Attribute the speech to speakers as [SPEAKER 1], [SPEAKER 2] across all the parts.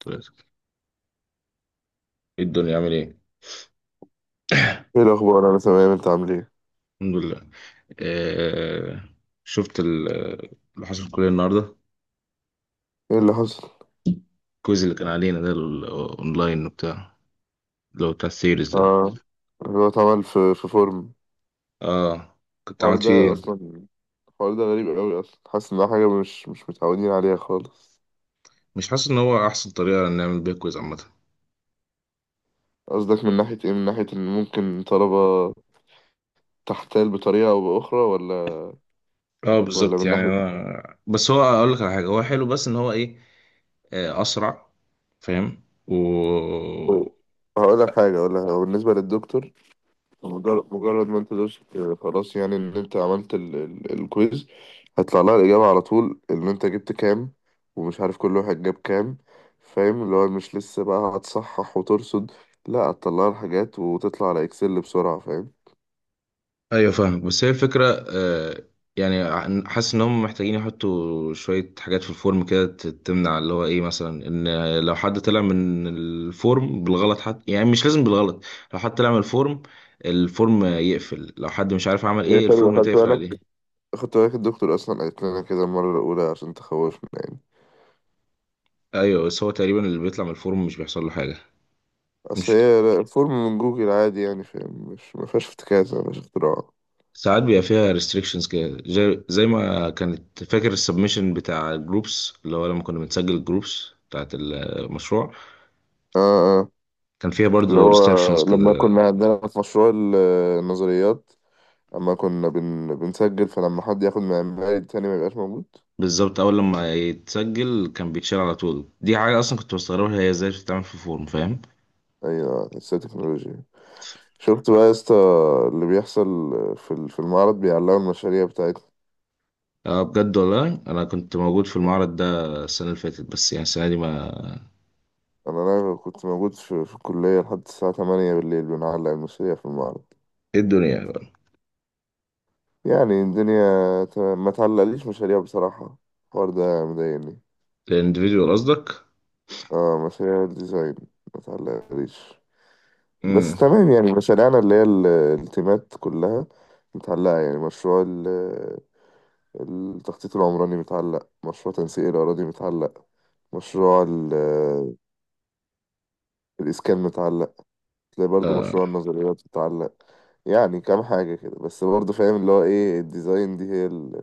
[SPEAKER 1] طيب. ايه الدنيا عامل ايه؟
[SPEAKER 2] ايه الاخبار؟ انا تمام، انت عامل ايه؟
[SPEAKER 1] الحمد لله. آه شفت اللي حصل في الكلية النهاردة.
[SPEAKER 2] ايه اللي حصل؟
[SPEAKER 1] الكويز اللي كان علينا ده، الاونلاين وبتاع، اللي هو بتاع السيريز ده،
[SPEAKER 2] اه. هو اتعمل في فورم.
[SPEAKER 1] اه كنت
[SPEAKER 2] الحوار
[SPEAKER 1] عملت فيه
[SPEAKER 2] ده اصلا،
[SPEAKER 1] إيه؟
[SPEAKER 2] الحوار ده غريب قوي اصلا، حاسس انها حاجه مش متعودين عليها خالص.
[SPEAKER 1] مش حاسس ان هو احسن طريقة نعمل بيها كويز عامة؟
[SPEAKER 2] قصدك من ناحيه ايه؟ من ناحيه ان ممكن طلبه تحتال بطريقه او باخرى، ولا...
[SPEAKER 1] اه
[SPEAKER 2] ولا
[SPEAKER 1] بالظبط.
[SPEAKER 2] من
[SPEAKER 1] يعني
[SPEAKER 2] ناحيه؟
[SPEAKER 1] انا بس هو اقول لك على حاجة، هو حلو بس ان هو ايه، اسرع، فاهم
[SPEAKER 2] طيب، هقول لك حاجه ولا بالنسبه للدكتور، مجرد ما انت دوست، خلاص يعني ان انت عملت الكويز، هيطلع لها الإجابة على طول ان انت جبت كام، ومش عارف كل واحد جاب كام. فاهم؟ اللي هو مش لسه بقى هتصحح وترصد، لا، هتطلع لها الحاجات وتطلع على اكسل بسرعة. فاهم؟
[SPEAKER 1] ايوه فاهم. بس هي الفكره يعني حاسس ان هم محتاجين يحطوا شويه حاجات في الفورم كده تمنع اللي هو ايه، مثلا ان لو حد طلع من الفورم بالغلط حتى، يعني مش لازم بالغلط، لو حد طلع من الفورم، الفورم يقفل، لو حد مش عارف عمل
[SPEAKER 2] يعني
[SPEAKER 1] ايه
[SPEAKER 2] انت لو
[SPEAKER 1] الفورم
[SPEAKER 2] خدت
[SPEAKER 1] تقفل
[SPEAKER 2] بالك،
[SPEAKER 1] عليه.
[SPEAKER 2] خدت بالك الدكتور اصلا قالت لنا كده المرة الاولى عشان تخوفنا يعني.
[SPEAKER 1] ايوه بس هو تقريبا اللي بيطلع من الفورم مش بيحصل له حاجه.
[SPEAKER 2] اصل
[SPEAKER 1] مش
[SPEAKER 2] هي الفورم من جوجل عادي يعني، فاهم؟ مش ما فيهاش افتكاسة، مش اختراع. اه،
[SPEAKER 1] ساعات بيبقى فيها ريستريكشنز كده، زي ما كانت، فاكر السبمشن بتاع جروبس اللي هو لما كنا بنسجل جروبس بتاعت المشروع،
[SPEAKER 2] اه،
[SPEAKER 1] كان فيها
[SPEAKER 2] اللي
[SPEAKER 1] برضو
[SPEAKER 2] هو
[SPEAKER 1] ريستريكشنز
[SPEAKER 2] لما
[SPEAKER 1] كده.
[SPEAKER 2] كنا عندنا في مشروع النظريات، اما كنا بنسجل، فلما حد ياخد معماري التاني ما يبقاش موجود.
[SPEAKER 1] بالظبط، اول لما يتسجل كان بيتشال على طول. دي حاجه اصلا كنت بستغربها، هي ازاي بتتعمل في فورم، فاهم؟
[SPEAKER 2] ايوه، لسه تكنولوجيا. شفت بقى يا اسطى اللي بيحصل في في المعرض بيعلقوا المشاريع بتاعتنا.
[SPEAKER 1] اه بجد والله انا كنت موجود في المعرض ده السنه اللي فاتت، بس يعني السنه دي ما...
[SPEAKER 2] انا كنت موجود في الكليه لحد الساعه 8 بالليل بنعلق المشاريع في المعرض.
[SPEAKER 1] ايه الدنيا بقى؟
[SPEAKER 2] يعني الدنيا تمام، ما تعلقليش مشاريع بصراحه. الحوار ده مضايقني.
[SPEAKER 1] الانديفيديوال قصدك؟
[SPEAKER 2] اه، مشاريع الديزاين ما تعلقليش. بس
[SPEAKER 1] امم
[SPEAKER 2] تمام، يعني مشاريعنا اللي هي التيمات كلها متعلقة. يعني مشروع التخطيط العمراني متعلق، مشروع تنسيق الأراضي متعلق، مشروع الإسكان متعلق، تلاقي برضو
[SPEAKER 1] آه.
[SPEAKER 2] مشروع النظريات متعلق. يعني كام حاجة كده، بس برضو فاهم اللي هو إيه، الديزاين دي هي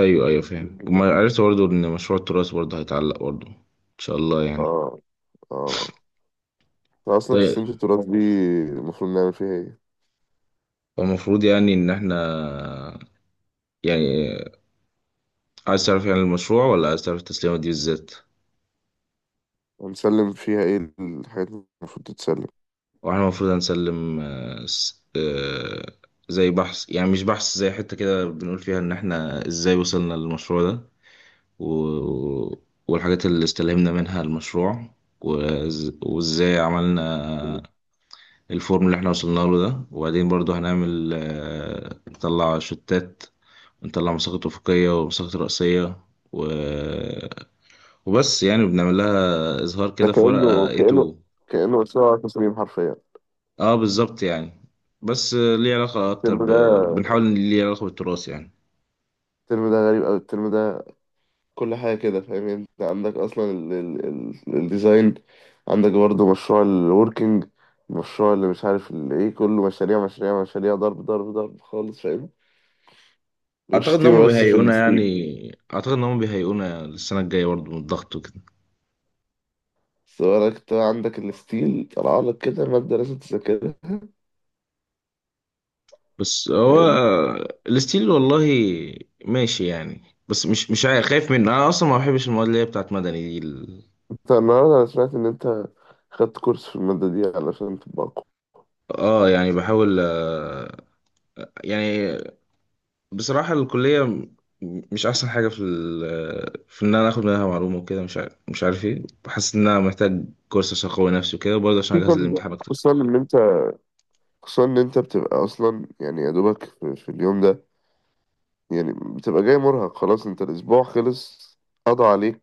[SPEAKER 1] ايوه ايوه فاهم.
[SPEAKER 2] ال-
[SPEAKER 1] وما عرفت برضو ان مشروع التراث برضو هيتعلق برضو، ان شاء الله يعني.
[SPEAKER 2] آه آه أصلا
[SPEAKER 1] طيب،
[SPEAKER 2] تسليمة التراث دي المفروض نعمل فيها إيه؟
[SPEAKER 1] المفروض يعني ان احنا، يعني عايز تعرف يعني المشروع ولا عايز تعرف التسليمه دي بالذات؟
[SPEAKER 2] هنسلم فيها إيه، الحاجات اللي المفروض تتسلم؟
[SPEAKER 1] واحنا المفروض هنسلم زي بحث، يعني مش بحث، زي حتة كده بنقول فيها ان احنا ازاي وصلنا للمشروع ده و... والحاجات اللي استلهمنا منها المشروع، وازاي عملنا الفورم اللي احنا وصلنا له ده. وبعدين برضو هنعمل نطلع شتات، نطلع مساقط أفقية ومساقط رأسية و... وبس. يعني بنعمل لها إظهار
[SPEAKER 2] ده
[SPEAKER 1] كده في ورقة
[SPEAKER 2] كأنه كأنه
[SPEAKER 1] A2.
[SPEAKER 2] كأنه مشروع تصميم حرفيا.
[SPEAKER 1] اه بالظبط يعني، بس ليه علاقة أكتر
[SPEAKER 2] الترم ده،
[SPEAKER 1] بنحاول إن ليه علاقة بالتراث يعني.
[SPEAKER 2] الترم ده غريب أوي، الترم ده كل حاجة كده، فاهم؟ يعني انت عندك اصلا الديزاين، عندك برضه مشروع الوركينج، مشروع اللي مش عارف الايه، كله مشاريع مشاريع مشاريع، ضرب ضرب ضرب خالص، فاهم؟
[SPEAKER 1] أعتقد إن هما
[SPEAKER 2] والشتيمة بس في
[SPEAKER 1] بيهيئونا
[SPEAKER 2] الستيل.
[SPEAKER 1] يعني، أعتقد إن هما بيهيئونا للسنة الجاية برضه من الضغط وكده.
[SPEAKER 2] سواء انت عندك الستيل، طلع لك كده مادة لازم تذاكرها،
[SPEAKER 1] بس هو
[SPEAKER 2] فاهم؟
[SPEAKER 1] الستيل والله ماشي يعني. بس مش عارف، خايف منه أنا أصلا، ما بحبش المواد اللي هي بتاعت مدني دي
[SPEAKER 2] انت النهارده انا سمعت ان انت خدت كورس في المادة دي علشان تبقى أقوى.
[SPEAKER 1] اه يعني بحاول يعني بصراحة الكلية مش أحسن حاجة في ال، في إن أنا آخد منها معلومة وكده. مش عارف، إيه، بحس إن أنا محتاج كورس عشان أقوي نفسي وكده، وبرضه عشان
[SPEAKER 2] خصوصا
[SPEAKER 1] أجهز للامتحان أكتر.
[SPEAKER 2] خصوصا ان انت خصوصا ان انت بتبقى اصلا يعني يا دوبك في اليوم ده. يعني بتبقى جاي مرهق خلاص، انت الاسبوع خلص، قضى عليك،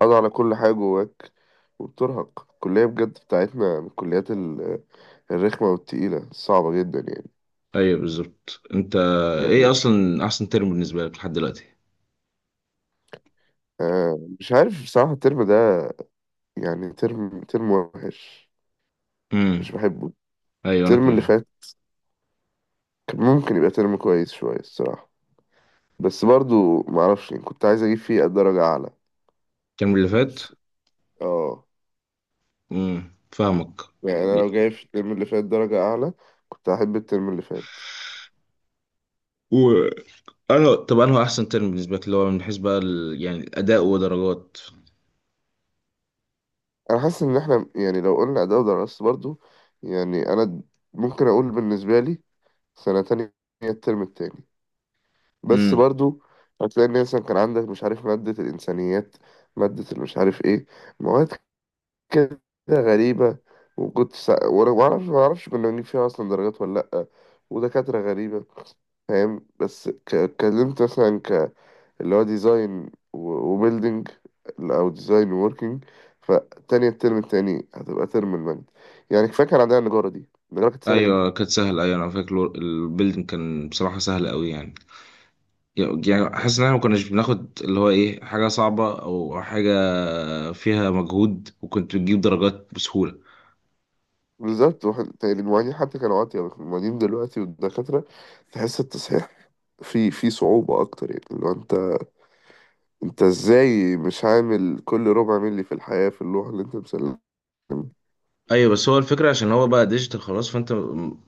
[SPEAKER 2] قضى على كل حاجة جواك، وبترهق. الكلية بجد بتاعتنا من الكليات الرخمة والتقيلة الصعبة جدا يعني.
[SPEAKER 1] أيوه بالظبط أنت. إيه
[SPEAKER 2] يعني،
[SPEAKER 1] أصلا أحسن ترم بالنسبة لك لحد دلوقتي؟
[SPEAKER 2] آه، مش عارف بصراحة. الترم ده يعني ترم ترم وحش، مش
[SPEAKER 1] امم
[SPEAKER 2] بحبه.
[SPEAKER 1] أيوه أنا
[SPEAKER 2] الترم اللي
[SPEAKER 1] كمان.
[SPEAKER 2] فات كان ممكن يبقى ترم كويس شوية الصراحة، بس برضو معرفش يعني، كنت عايز أجيب فيه درجة أعلى.
[SPEAKER 1] الترم اللي فات.
[SPEAKER 2] بس، اه،
[SPEAKER 1] امم، فاهمك.
[SPEAKER 2] يعني أنا لو جايب في الترم اللي فات درجة أعلى كنت أحب الترم اللي فات.
[SPEAKER 1] و أنا طب أنهو أحسن ترم بالنسبة لك اللي هو من حيث بقى يعني الأداء ودرجات؟
[SPEAKER 2] انا حاسس ان احنا يعني لو قلنا اداء ودراسة برضو، يعني انا ممكن اقول بالنسبه لي سنه تانية، هي الترم التاني. بس
[SPEAKER 1] امم.
[SPEAKER 2] برضو هتلاقي ان مثلا كان عندك مش عارف ماده الانسانيات، ماده المش عارف ايه، مواد كده غريبه، وكنت وانا ما اعرفش كنا بنجيب فيها اصلا درجات ولا لا، ودكاتره غريبه. فاهم؟ بس اتكلمت مثلا اللي هو ديزاين وبيلدينج او ديزاين ووركينج، فتاني الترم التاني هتبقى ترم المانجا. يعني كفايه كان عندنا النجاره دي، النجاره كانت سهله جدا.
[SPEAKER 1] أيوه كانت سهلة، أيوه أنا فاكر البيلدنج كان بصراحة سهل أوي يعني. يعني حاسس ان احنا ما كناش بناخد اللي هو ايه، حاجه صعبه او حاجه فيها مجهود، وكنت بتجيب درجات بسهوله.
[SPEAKER 2] بالظبط تاني المعيدين حتى كانوا عاطية، المعيدين دلوقتي والدكاترة تحس التصحيح في صعوبة أكتر، يعني اللي هو أنت، أنت إزاي مش عامل كل ربع ملي في الحياة في اللوحة اللي أنت مسلمها؟
[SPEAKER 1] ايوه، بس هو الفكره عشان هو بقى ديجيتال خلاص، فانت م-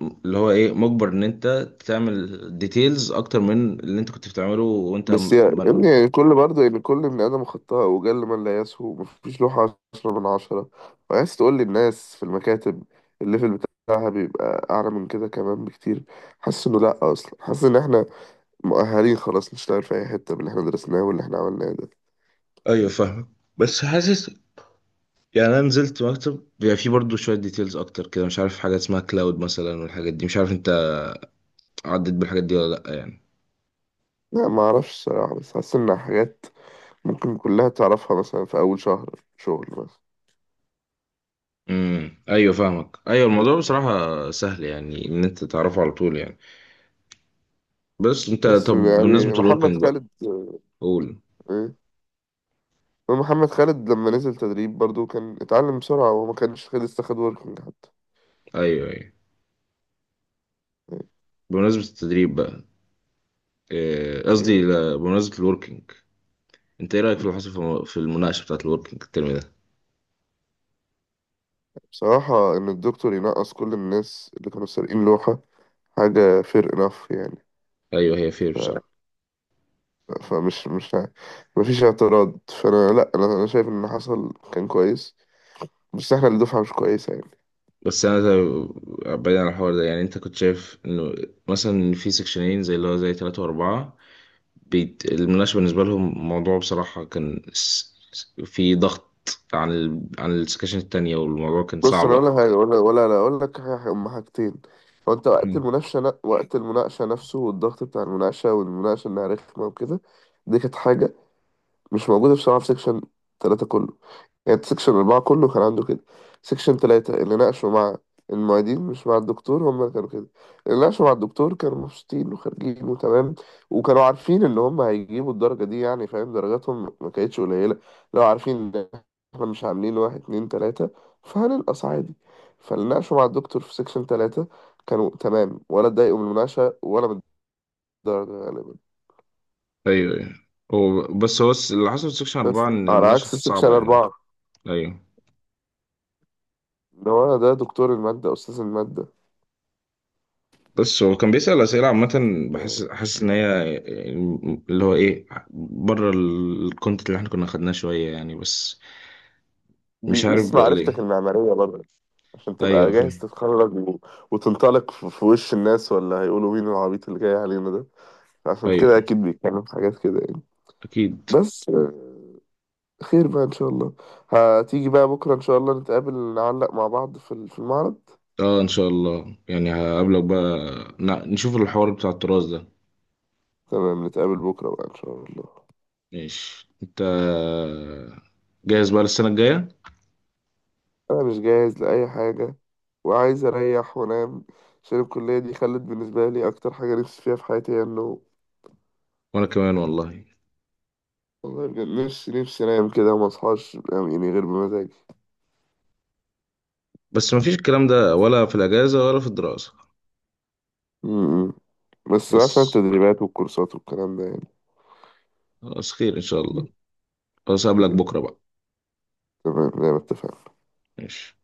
[SPEAKER 1] م- اللي هو ايه، مجبر ان انت تعمل ديتيلز اكتر من اللي انت كنت بتعمله وانت
[SPEAKER 2] بس يا
[SPEAKER 1] مانوال.
[SPEAKER 2] ابني، يعني كل برضه يعني كل بني آدم خطاء، وجل من لا يسهو، مفيش لوحة عشرة من عشرة. وعايز تقول للناس في المكاتب الليفل بتاعها بيبقى أعلى من كده كمان بكتير. حاسس إنه لأ، أصلا حاسس إن إحنا مؤهلين خلاص نشتغل في أي حتة باللي إحنا درسناه واللي إحنا عملناه ده.
[SPEAKER 1] ايوه فاهمك، بس حاسس يعني انا نزلت مكتب بيبقى فيه برضه شويه ديتيلز اكتر كده، مش عارف حاجه اسمها كلاود مثلا والحاجات دي، مش عارف انت عديت بالحاجات دي ولا لا يعني.
[SPEAKER 2] لا، معرفش الصراحة، بس حاسس إن حاجات ممكن كلها تعرفها مثلا في أول شهر شغل مثلا.
[SPEAKER 1] امم، ايوه فاهمك. ايوه الموضوع بصراحه سهل، يعني ان انت تعرفه على طول يعني. بس انت،
[SPEAKER 2] بس
[SPEAKER 1] طب بمناسبه
[SPEAKER 2] يعني محمد
[SPEAKER 1] الوركينج بقى،
[SPEAKER 2] خالد...
[SPEAKER 1] قول.
[SPEAKER 2] إيه؟ محمد خالد لما نزل تدريب برضو كان اتعلم بسرعة وما كانش خد لسه، خد وركينج
[SPEAKER 1] ايوه ايوه، بمناسبه التدريب بقى، إيه، قصدي
[SPEAKER 2] يعني.
[SPEAKER 1] لا، بمناسبه الوركينج، انت ايه رايك في اللي حصل في المناقشه بتاعت الوركينج الترم ده؟
[SPEAKER 2] بصراحة إن الدكتور ينقص كل الناس اللي كانوا سارقين لوحة حاجة fair enough يعني.
[SPEAKER 1] ايوه هي فير
[SPEAKER 2] ف...
[SPEAKER 1] بصراحه.
[SPEAKER 2] فمش مش ه- مفيش اعتراض، فأنا لأ، أنا شايف إن اللي حصل كان كويس، بس إحنا اللي دفعة مش كويسة يعني.
[SPEAKER 1] بس انا بعيد عن الحوار ده يعني، انت كنت شايف انه مثلا في سكشنين زي اللي هو زي ثلاثة واربعة المناقشة بالنسبة لهم موضوع بصراحة كان في ضغط عن عن السكشن التانية والموضوع كان
[SPEAKER 2] بص
[SPEAKER 1] صعب.
[SPEAKER 2] أنا أقول لك حاجة، ولا لا أقول لك حاجة، هما حاجتين. هو أنت وقت
[SPEAKER 1] مم.
[SPEAKER 2] المناقشة وقت المناقشة نفسه والضغط بتاع المناقشة والمناقشة إنها رخمة وكده، دي كانت حاجة مش موجودة بصراحة في سكشن تلاتة كله، كانت سكشن أربعة كله كان عنده كده. سكشن تلاتة اللي ناقشوا مع المعيدين مش مع الدكتور هم اللي كانوا كده. اللي ناقشوا مع الدكتور كانوا مبسوطين وخارجين وتمام، وكانوا عارفين إن هم هيجيبوا الدرجة دي يعني، فاهم؟ درجاتهم ما كانتش قليلة، لو عارفين إن إحنا مش عاملين واحد اتنين تلاتة فهننقص عادي. فاللي ناقشوا مع الدكتور في سكشن تلاتة كانوا تمام، ولا اتضايقوا من المناقشة ولا من الدرجة غالبا.
[SPEAKER 1] أيوه أيوه، هو بس هو اللي حصل في سكشن
[SPEAKER 2] بس
[SPEAKER 1] أربعة إن
[SPEAKER 2] على
[SPEAKER 1] المناقشة
[SPEAKER 2] عكس
[SPEAKER 1] كانت
[SPEAKER 2] سكشن
[SPEAKER 1] صعبة يعني.
[SPEAKER 2] أربعة،
[SPEAKER 1] أيوه،
[SPEAKER 2] اللي هو ده دكتور المادة، أستاذ المادة،
[SPEAKER 1] بس هو كان بيسأل أسئلة عامة، بحس، حاسس إن هي اللي هو إيه، بره الكونتنت اللي إحنا كنا خدناه شوية يعني، بس مش عارف
[SPEAKER 2] بيقيس
[SPEAKER 1] بقى
[SPEAKER 2] معرفتك
[SPEAKER 1] ليه.
[SPEAKER 2] المعمارية برضه عشان
[SPEAKER 1] أيوه
[SPEAKER 2] تبقى جاهز
[SPEAKER 1] فاهم.
[SPEAKER 2] تتخرج و... وتنطلق في وش الناس، ولا هيقولوا مين العبيط اللي جاي علينا ده. عشان
[SPEAKER 1] أيوه
[SPEAKER 2] كده أكيد بيتكلم في حاجات كده يعني.
[SPEAKER 1] أكيد.
[SPEAKER 2] بس خير بقى إن شاء الله، هتيجي بقى بكرة إن شاء الله نتقابل، نعلق مع بعض في في المعرض.
[SPEAKER 1] أه إن شاء الله يعني هقابلك بقى، نشوف الحوار بتاع التراث ده.
[SPEAKER 2] تمام، نتقابل بكرة بقى إن شاء الله.
[SPEAKER 1] ماشي، انت جاهز بقى للسنة الجاية؟
[SPEAKER 2] أنا مش جاهز لأي حاجة، وعايز أريح وأنام، عشان الكلية دي خلت بالنسبة لي أكتر حاجة نفسي فيها في حياتي هي النوم.
[SPEAKER 1] وانا كمان والله.
[SPEAKER 2] والله بجد، نفسي نفسي أنام كده وما أصحاش يعني، غير بمزاجي.
[SPEAKER 1] بس مفيش الكلام ده ولا في الاجازة ولا في الدراسة.
[SPEAKER 2] م- م. بس
[SPEAKER 1] بس
[SPEAKER 2] عشان التدريبات والكورسات والكلام ده يعني.
[SPEAKER 1] خلاص، خير ان شاء الله، خلاص اقابلك بكرة بقى.
[SPEAKER 2] تمام، زي ما اتفقنا.
[SPEAKER 1] ماشي